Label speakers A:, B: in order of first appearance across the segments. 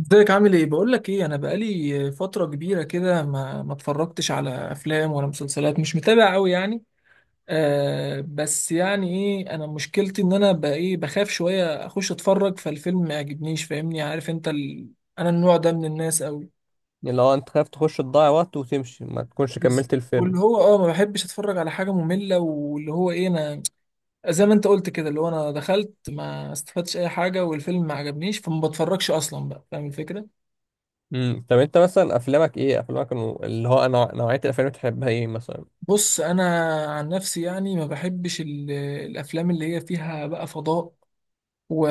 A: ازيك؟ عامل ايه؟ بقول لك ايه، انا بقالي فتره كبيره كده ما اتفرجتش على افلام ولا مسلسلات، مش متابع قوي يعني. آه، بس يعني ايه، انا مشكلتي ان انا بقى ايه، بخاف شويه اخش اتفرج فالفيلم ما يعجبنيش، فاهمني؟ عارف انت انا النوع ده من الناس قوي.
B: اللي هو انت خايف تخش تضيع وقت وتمشي ما تكونش
A: بز-
B: كملت
A: واللي
B: الفيلم.
A: هو ما بحبش اتفرج على حاجه ممله، واللي هو ايه، انا زي ما انت قلت كده، اللي هو انا دخلت ما استفدتش اي حاجه والفيلم ما عجبنيش، فما بتفرجش اصلا، بقى فاهم الفكره؟
B: طب انت مثلا افلامك ايه، افلامك نوعية الافلام اللي بتحبها ايه مثلا؟
A: بص انا عن نفسي يعني ما بحبش الافلام اللي هي فيها بقى فضاء و...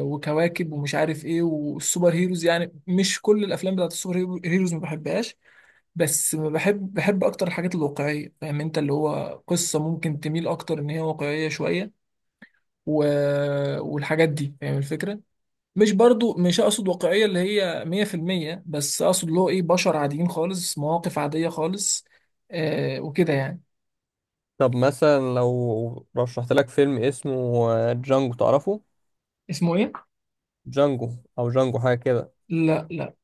A: وكواكب ومش عارف ايه، والسوبر هيروز، يعني مش كل الافلام بتاعت السوبر هيروز ما بحبهاش، بس ما بحب، بحب اكتر الحاجات الواقعيه، فاهم انت؟ اللي هو قصه ممكن تميل اكتر ان هي واقعيه شويه و... والحاجات دي، فاهم الفكره؟ مش برضو، مش اقصد واقعيه اللي هي 100%، بس اقصد اللي هو ايه، بشر عاديين خالص، مواقف عاديه خالص، آه، وكده يعني.
B: طب مثلا لو رشحت لك فيلم اسمه جانجو، تعرفه؟
A: اسمه ايه؟
B: جانجو او جانجو حاجة كده.
A: لا لا.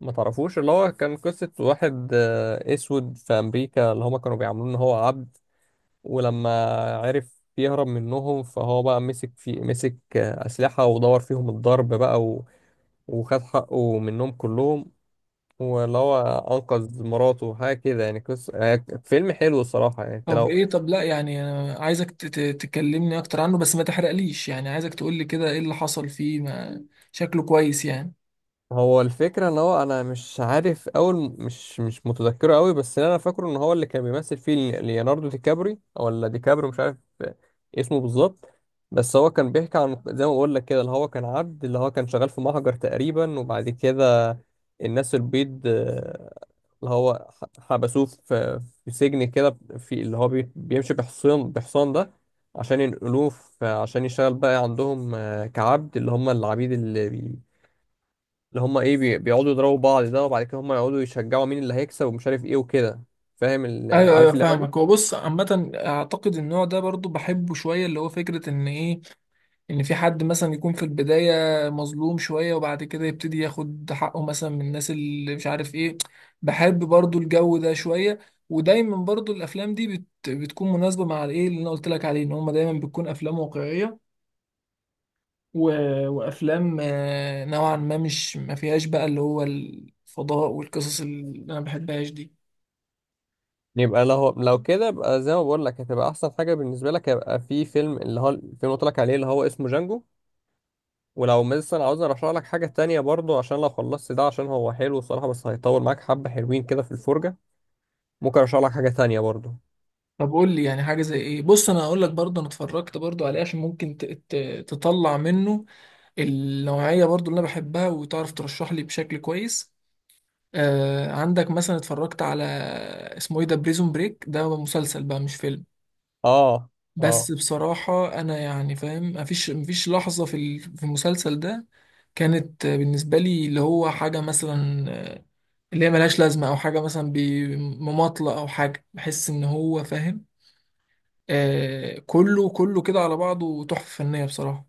B: ما تعرفوش؟ اللي هو كان قصة واحد اسود في امريكا، اللي هما كانوا بيعاملوه ان هو عبد. ولما عرف يهرب منهم فهو بقى مسك اسلحة ودور فيهم الضرب بقى وخد حقه منهم كلهم. واللي هو انقذ مراته حاجه كده، يعني قصه، يعني فيلم حلو الصراحه، يعني انت
A: طب
B: لو...
A: ايه؟ طب لا يعني، أنا عايزك تكلمني اكتر عنه بس ما تحرقليش، يعني عايزك تقولي كده ايه اللي حصل فيه، ما شكله كويس يعني.
B: هو الفكرة ان هو انا مش عارف اول، مش متذكره قوي، بس اللي انا فاكره ان هو اللي كان بيمثل فيه ليوناردو دي كابري ولا دي كابري، مش عارف اسمه بالظبط. بس هو كان بيحكي عن، زي ما بقول لك كده، اللي هو كان عبد، اللي هو كان شغال في محجر تقريبا. وبعد كده الناس البيض اللي هو حبسوه في سجن كده، في اللي هو بيمشي بحصان، بحصان ده عشان ينقلوه عشان يشتغل بقى عندهم كعبد، اللي هم العبيد اللي هم ايه بيقعدوا يضربوا بعض ده، وبعد كده هم يقعدوا يشجعوا مين اللي هيكسب ومش عارف ايه وكده. فاهم
A: ايوه ايوه،
B: عارف اللعبه دي؟
A: فاهمك. هو بص عامة اعتقد النوع ده برضو بحبه شوية، اللي هو فكرة ان ايه، ان في حد مثلا يكون في البداية مظلوم شوية وبعد كده يبتدي ياخد حقه مثلا من الناس، اللي مش عارف ايه. بحب برضو الجو ده شوية، ودايما برضو الافلام دي بت بتكون مناسبة مع الايه اللي انا قلت لك عليه، ان هما دايما بتكون افلام واقعية و... وافلام آه، نوعا ما مش ما فيهاش بقى اللي هو الفضاء والقصص اللي انا بحبهاش دي.
B: يبقى لو كده يبقى زي ما بقول لك هتبقى احسن حاجه بالنسبه لك، هيبقى في فيلم، اللي هو الفيلم اللي قلت لك عليه، اللي هو اسمه جانجو. ولو مثلا عاوز ارشح لك حاجه تانية برضو، عشان لو خلصت ده، عشان هو حلو الصراحه، بس هيطول معاك حبه، حلوين كده في الفرجه، ممكن ارشح لك حاجه تانية برضو.
A: طب قول لي يعني حاجه زي ايه، بص انا هقول لك برضه، انا اتفرجت برضه عليه عشان ممكن تطلع منه النوعيه برضه اللي انا بحبها، وتعرف ترشح لي بشكل كويس. آه، عندك مثلا اتفرجت على اسمه ايه ده، بريزون بريك؟ ده مسلسل بقى مش فيلم،
B: اه، اه.
A: بس بصراحة أنا يعني فاهم، مفيش لحظة في في المسلسل ده كانت بالنسبة لي اللي هو حاجة مثلا آه، اللي هي ملهاش لازمة، أو حاجة مثلا بمماطلة، أو حاجة بحس إن هو فاهم. آه، كله كله كده على بعضه تحفة فنية بصراحة.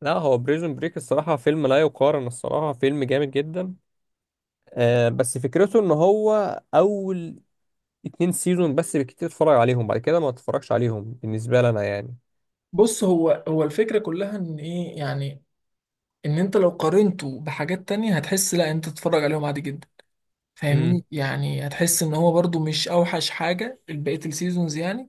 B: لا، هو بريزون بريك الصراحه فيلم لا يقارن، الصراحه فيلم جامد جدا. آه، بس فكرته ان هو اول 2 سيزون بس بالكتير اتفرج عليهم، بعد كده ما اتفرجش عليهم بالنسبة لي انا يعني.
A: بص هو هو الفكرة كلها إن إيه يعني، إن أنت لو قارنته بحاجات تانية هتحس لأ، أنت تتفرج عليهم عادي جدا،
B: امم
A: فاهمني؟ يعني هتحس إن هو برضو مش أوحش حاجة بقية السيزونز يعني.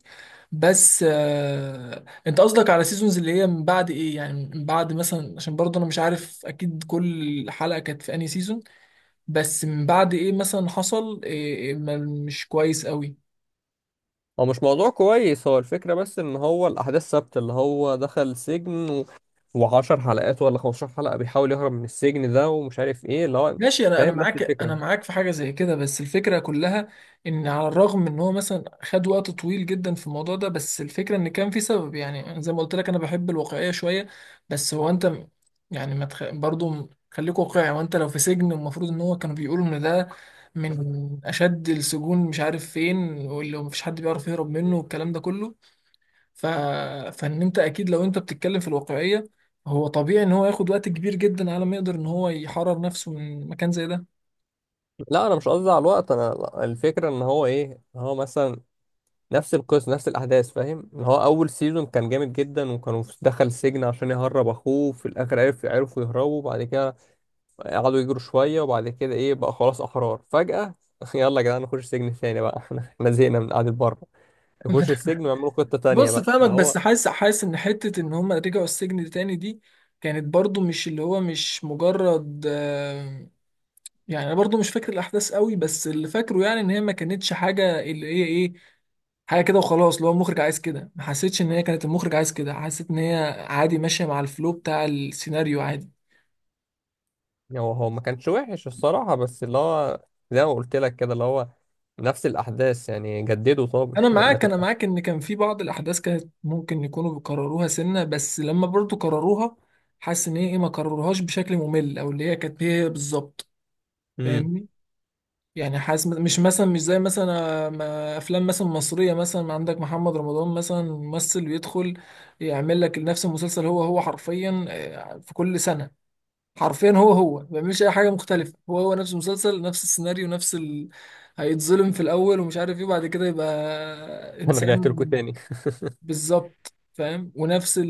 A: بس آه، انت قصدك على سيزونز اللي هي من بعد ايه يعني، من بعد مثلا، عشان برضه انا مش عارف اكيد كل حلقة كانت في انهي سيزون، بس من بعد ايه مثلا حصل إيه؟ إيه مش كويس قوي؟
B: هو مش موضوع كويس، هو الفكرة بس ان هو الاحداث ثابتة، اللي هو دخل سجن وعشر حلقات ولا 15 حلقة بيحاول يهرب من السجن ده، ومش عارف ايه اللي هو...
A: ماشي، انا انا
B: فاهم نفس
A: معاك، انا
B: الفكرة.
A: معاك في حاجه زي كده، بس الفكره كلها ان على الرغم من ان هو مثلا خد وقت طويل جدا في الموضوع ده، بس الفكره ان كان في سبب، يعني أنا زي ما قلت لك انا بحب الواقعيه شويه، بس هو انت يعني ما تخ... برضو خليك واقعي، وانت لو في سجن المفروض ان هو كانوا بيقولوا ان ده من اشد السجون مش عارف فين، واللي مفيش حد بيعرف يهرب منه والكلام ده كله، ف... فان انت اكيد لو انت بتتكلم في الواقعيه، هو طبيعي ان هو ياخد وقت كبير جدا على ما يقدر ان هو يحرر نفسه من مكان زي ده.
B: لا، انا مش قصدي على الوقت انا، لا، الفكرة ان هو ايه، إن هو مثلا نفس القصة نفس الاحداث. فاهم ان هو اول سيزون كان جامد جدا، وكانوا دخل السجن عشان يهرب اخوه، في الاخر عرفوا يهربوا. بعد كده قعدوا يجروا شوية، وبعد كده ايه بقى، خلاص أحرار فجأة. يلا يا جدعان نخش سجن تاني بقى. احنا زهقنا من قعدة بره، يخش السجن ويعملوا خطة تانية
A: بص
B: بقى
A: فاهمك،
B: اللي هو...
A: بس حاسس حاسس ان حته ان هم رجعوا السجن تاني دي كانت برضو مش اللي هو، مش مجرد آه، يعني انا برضو مش فاكر الاحداث قوي، بس اللي فاكره يعني ان هي ما كانتش حاجه اللي هي ايه، حاجه كده وخلاص اللي هو المخرج عايز كده، ما حسيتش ان هي كانت المخرج عايز كده، حسيت ان هي عادي ماشيه مع الفلو بتاع السيناريو عادي.
B: هو ما كانش وحش الصراحة، بس اللي هو زي ما قلت لك كده، اللي هو نفس الأحداث يعني، جددوا طب.
A: انا
B: ما
A: معاك، انا
B: تبقى...
A: معاك ان كان في بعض الاحداث كانت ممكن يكونوا بيكرروها سنه، بس لما برضو كرروها حاسس ان هي ايه، ما كرروهاش بشكل ممل، او اللي هي كانت هي بالظبط،
B: امم
A: فاهمني؟ يعني حاسس مش مثلا، مش زي مثلا آه، افلام مثلا مصريه، مثلا عندك محمد رمضان مثلا، ممثل بيدخل يعمل لك نفس المسلسل هو هو حرفيا آه، في كل سنه، حرفيا هو هو ما بيعملش اي حاجه مختلفه، هو هو نفس المسلسل، نفس السيناريو، نفس هيتظلم في الاول ومش عارف ايه، بعد كده يبقى
B: أنا رجعت لكم
A: انسان.
B: تاني.
A: بالظبط، فاهم. ونفس ال...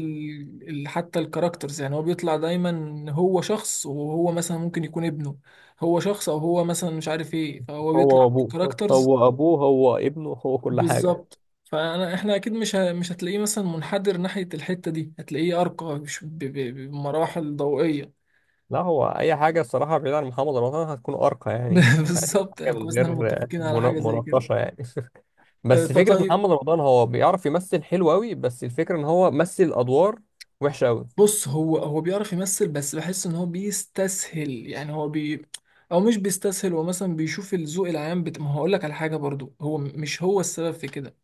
A: ال... حتى الكاركترز، يعني هو بيطلع دايما هو شخص، وهو مثلا ممكن يكون ابنه، هو شخص، او هو مثلا مش عارف ايه، فهو
B: هو
A: بيطلع
B: أبوه.
A: كاركترز.
B: هو ابنه، هو كل حاجة.
A: بالظبط، فانا احنا اكيد مش هتلاقيه مثلا منحدر ناحية الحتة دي، هتلاقيه ارقى بمراحل ضوئية.
B: لا، هو اي حاجه الصراحه بعيد عن محمد رمضان هتكون ارقى يعني. يعني
A: بالظبط،
B: حاجه
A: يعني كويس
B: من
A: ان احنا
B: غير
A: متفقين على حاجة زي كده.
B: مناقشه يعني.
A: أه،
B: بس فكره
A: طيب.
B: محمد رمضان هو بيعرف يمثل حلو قوي، بس الفكره ان هو مثل ادوار وحشه قوي.
A: بص هو هو بيعرف يمثل، بس بحس ان هو بيستسهل يعني، هو او مش بيستسهل، هو مثلا بيشوف الذوق العام ما هقول لك على حاجه برضو، هو مش هو السبب في كده،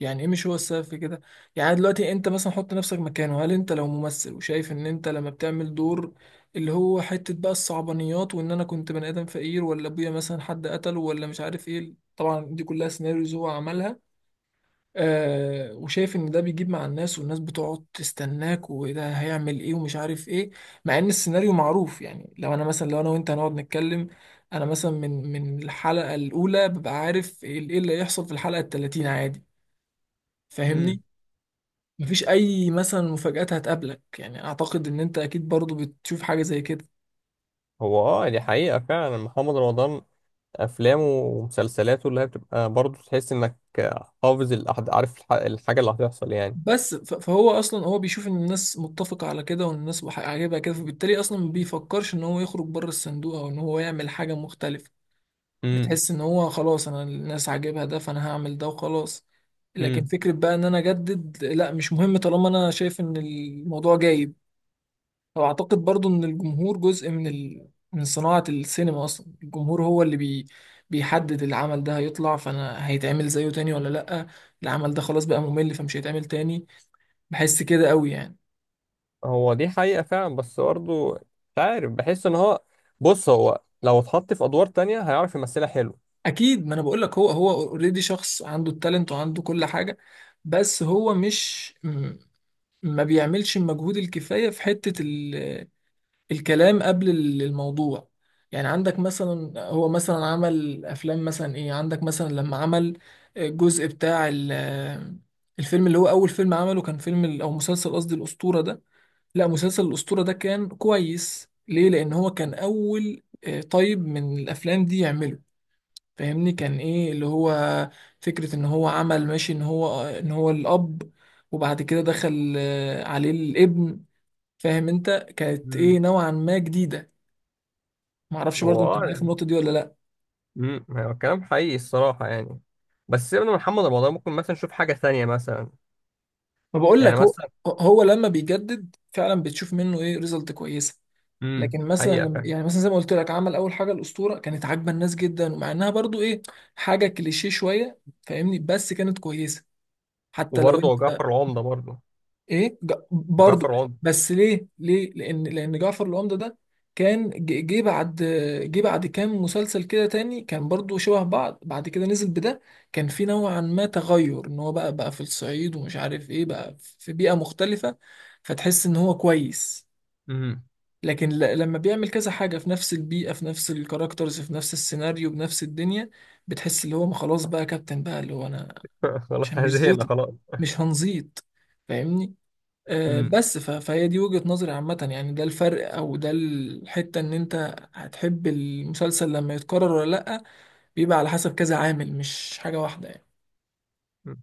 A: يعني ايه مش هو السبب في كده؟ يعني دلوقتي انت مثلا حط نفسك مكانه، هل انت لو ممثل وشايف ان انت لما بتعمل دور اللي هو حته بقى الصعبانيات، وان انا كنت بني ادم فقير، ولا ابويا مثلا حد قتله، ولا مش عارف ايه، طبعا دي كلها سيناريوز هو عملها، آه، وشايف ان ده بيجيب مع الناس، والناس بتقعد تستناك، وده هيعمل ايه، ومش عارف ايه، مع ان السيناريو معروف، يعني لو انا مثلا، لو انا وانت هنقعد نتكلم، انا مثلا من الحلقة الاولى ببقى عارف ايه، إيه اللي هيحصل في الحلقة التلاتين عادي،
B: امم
A: فاهمني؟ مفيش اي مثلا مفاجآت هتقابلك، يعني اعتقد ان انت اكيد برضو بتشوف حاجة زي كده.
B: هو اه، دي حقيقه فعلا. محمد رمضان افلامه ومسلسلاته اللي هي بتبقى برضه تحس انك حافظ عارف الحاجه اللي هتحصل يعني.
A: بس فهو اصلا هو بيشوف ان الناس متفقة على كده، وان الناس عاجبها كده، فبالتالي اصلا ما بيفكرش ان هو يخرج بره الصندوق، او ان هو يعمل حاجة مختلفة.
B: امم
A: بتحس ان هو خلاص، انا الناس عاجبها ده، فانا هعمل ده وخلاص، لكن
B: امم
A: فكرة بقى ان انا اجدد لا، مش مهم طالما انا شايف ان الموضوع جايب. فاعتقد برضو ان الجمهور جزء من من صناعة السينما اصلا، الجمهور هو اللي بيحدد العمل ده هيطلع، فانا هيتعمل زيه تاني ولا لا، العمل ده خلاص بقى ممل فمش هيتعمل تاني، بحس كده قوي يعني.
B: هو دي حقيقه فعلا، بس برضه مش عارف، بحس ان هو... بص، هو لو اتحط في ادوار تانية هيعرف يمثلها حلو.
A: اكيد، ما انا بقول لك، هو هو اوريدي شخص عنده التالنت وعنده كل حاجة، بس هو مش، ما بيعملش المجهود الكفاية في حتة الكلام قبل الموضوع. يعني عندك مثلا، هو مثلا عمل أفلام مثلا إيه، عندك مثلا لما عمل الجزء بتاع الفيلم اللي هو أول فيلم عمله كان فيلم أو مسلسل قصدي الأسطورة ده. لا مسلسل الأسطورة ده كان كويس ليه؟ لأن هو كان أول آه، طيب من الأفلام دي يعمله، فاهمني؟ كان ايه اللي هو فكرة ان هو عمل ماشي ان هو، ان هو الاب، وبعد كده دخل آه، عليه الابن، فاهم انت؟ كانت
B: مم.
A: ايه نوعا ما جديدة. معرفش برضو
B: هو
A: انت
B: اه
A: معايا في
B: يعني.
A: النقطة دي ولا لا.
B: مم. هو كلام حقيقي الصراحة يعني. بس سيبنا من محمد رمضان، ممكن مثلا نشوف حاجة ثانية مثلا.
A: ما بقول
B: يعني
A: لك، هو
B: مثلا...
A: هو لما بيجدد فعلا بتشوف منه ايه، ريزلت كويسة، لكن مثلا
B: حقيقة
A: لما
B: فعلا.
A: يعني مثلا زي ما قلت لك عمل اول حاجة الأسطورة كانت عاجبة الناس جدا، ومع انها برضو ايه حاجة كليشيه شوية، فاهمني؟ بس كانت كويسة. حتى لو
B: وبرضه
A: انت
B: جعفر العمدة برضه،
A: ايه برضه.
B: جعفر العمدة.
A: بس ليه؟ ليه؟ لان، لان جعفر العمدة ده كان جه بعد، جه بعد كام مسلسل كده تاني كان برضه شبه بعض، بعد كده نزل بده كان في نوعا ما تغير، ان هو بقى في الصعيد، ومش عارف ايه، بقى في بيئة مختلفة، فتحس ان هو كويس.
B: امم
A: لكن لما بيعمل كذا حاجة في نفس البيئة، في نفس الكاركترز، في نفس السيناريو، بنفس الدنيا، بتحس اللي هو ما خلاص بقى كابتن بقى، اللي هو انا
B: خلاص
A: مش،
B: احنا
A: مش
B: زهقنا
A: زيطة،
B: خلاص.
A: مش هنزيط، فاهمني؟ آه،
B: امم
A: بس فهي دي وجهة نظري عامة يعني، ده الفرق، او ده الحتة ان انت هتحب المسلسل لما يتكرر ولا لأ، بيبقى على حسب كذا عامل، مش حاجة واحدة يعني.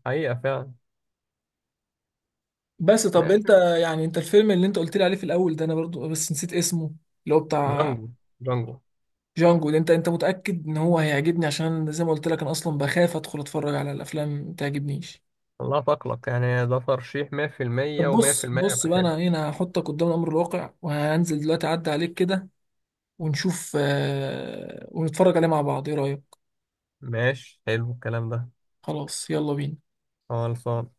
B: حقيقة فعلا.
A: بس طب
B: ماشي.
A: انت، يعني انت الفيلم اللي انت قلت لي عليه في الاول ده، انا برضو بس نسيت اسمه، اللي هو بتاع
B: جانجو. جانجو.
A: جانجو ده، انت انت متأكد ان هو هيعجبني؟ عشان زي ما قلت لك انا اصلا بخاف ادخل اتفرج على الافلام ما تعجبنيش.
B: الله تقلق يعني، ده ترشيح 100%
A: طب بص،
B: و100%
A: بص
B: هبقى
A: بقى،
B: حلو.
A: انا هنا هحطك قدام الامر الواقع، وهنزل دلوقتي اعدي عليك كده ونشوف آه، ونتفرج عليه مع بعض، ايه رأيك؟
B: ماشي، حلو الكلام ده.
A: خلاص، يلا بينا.
B: خلصان.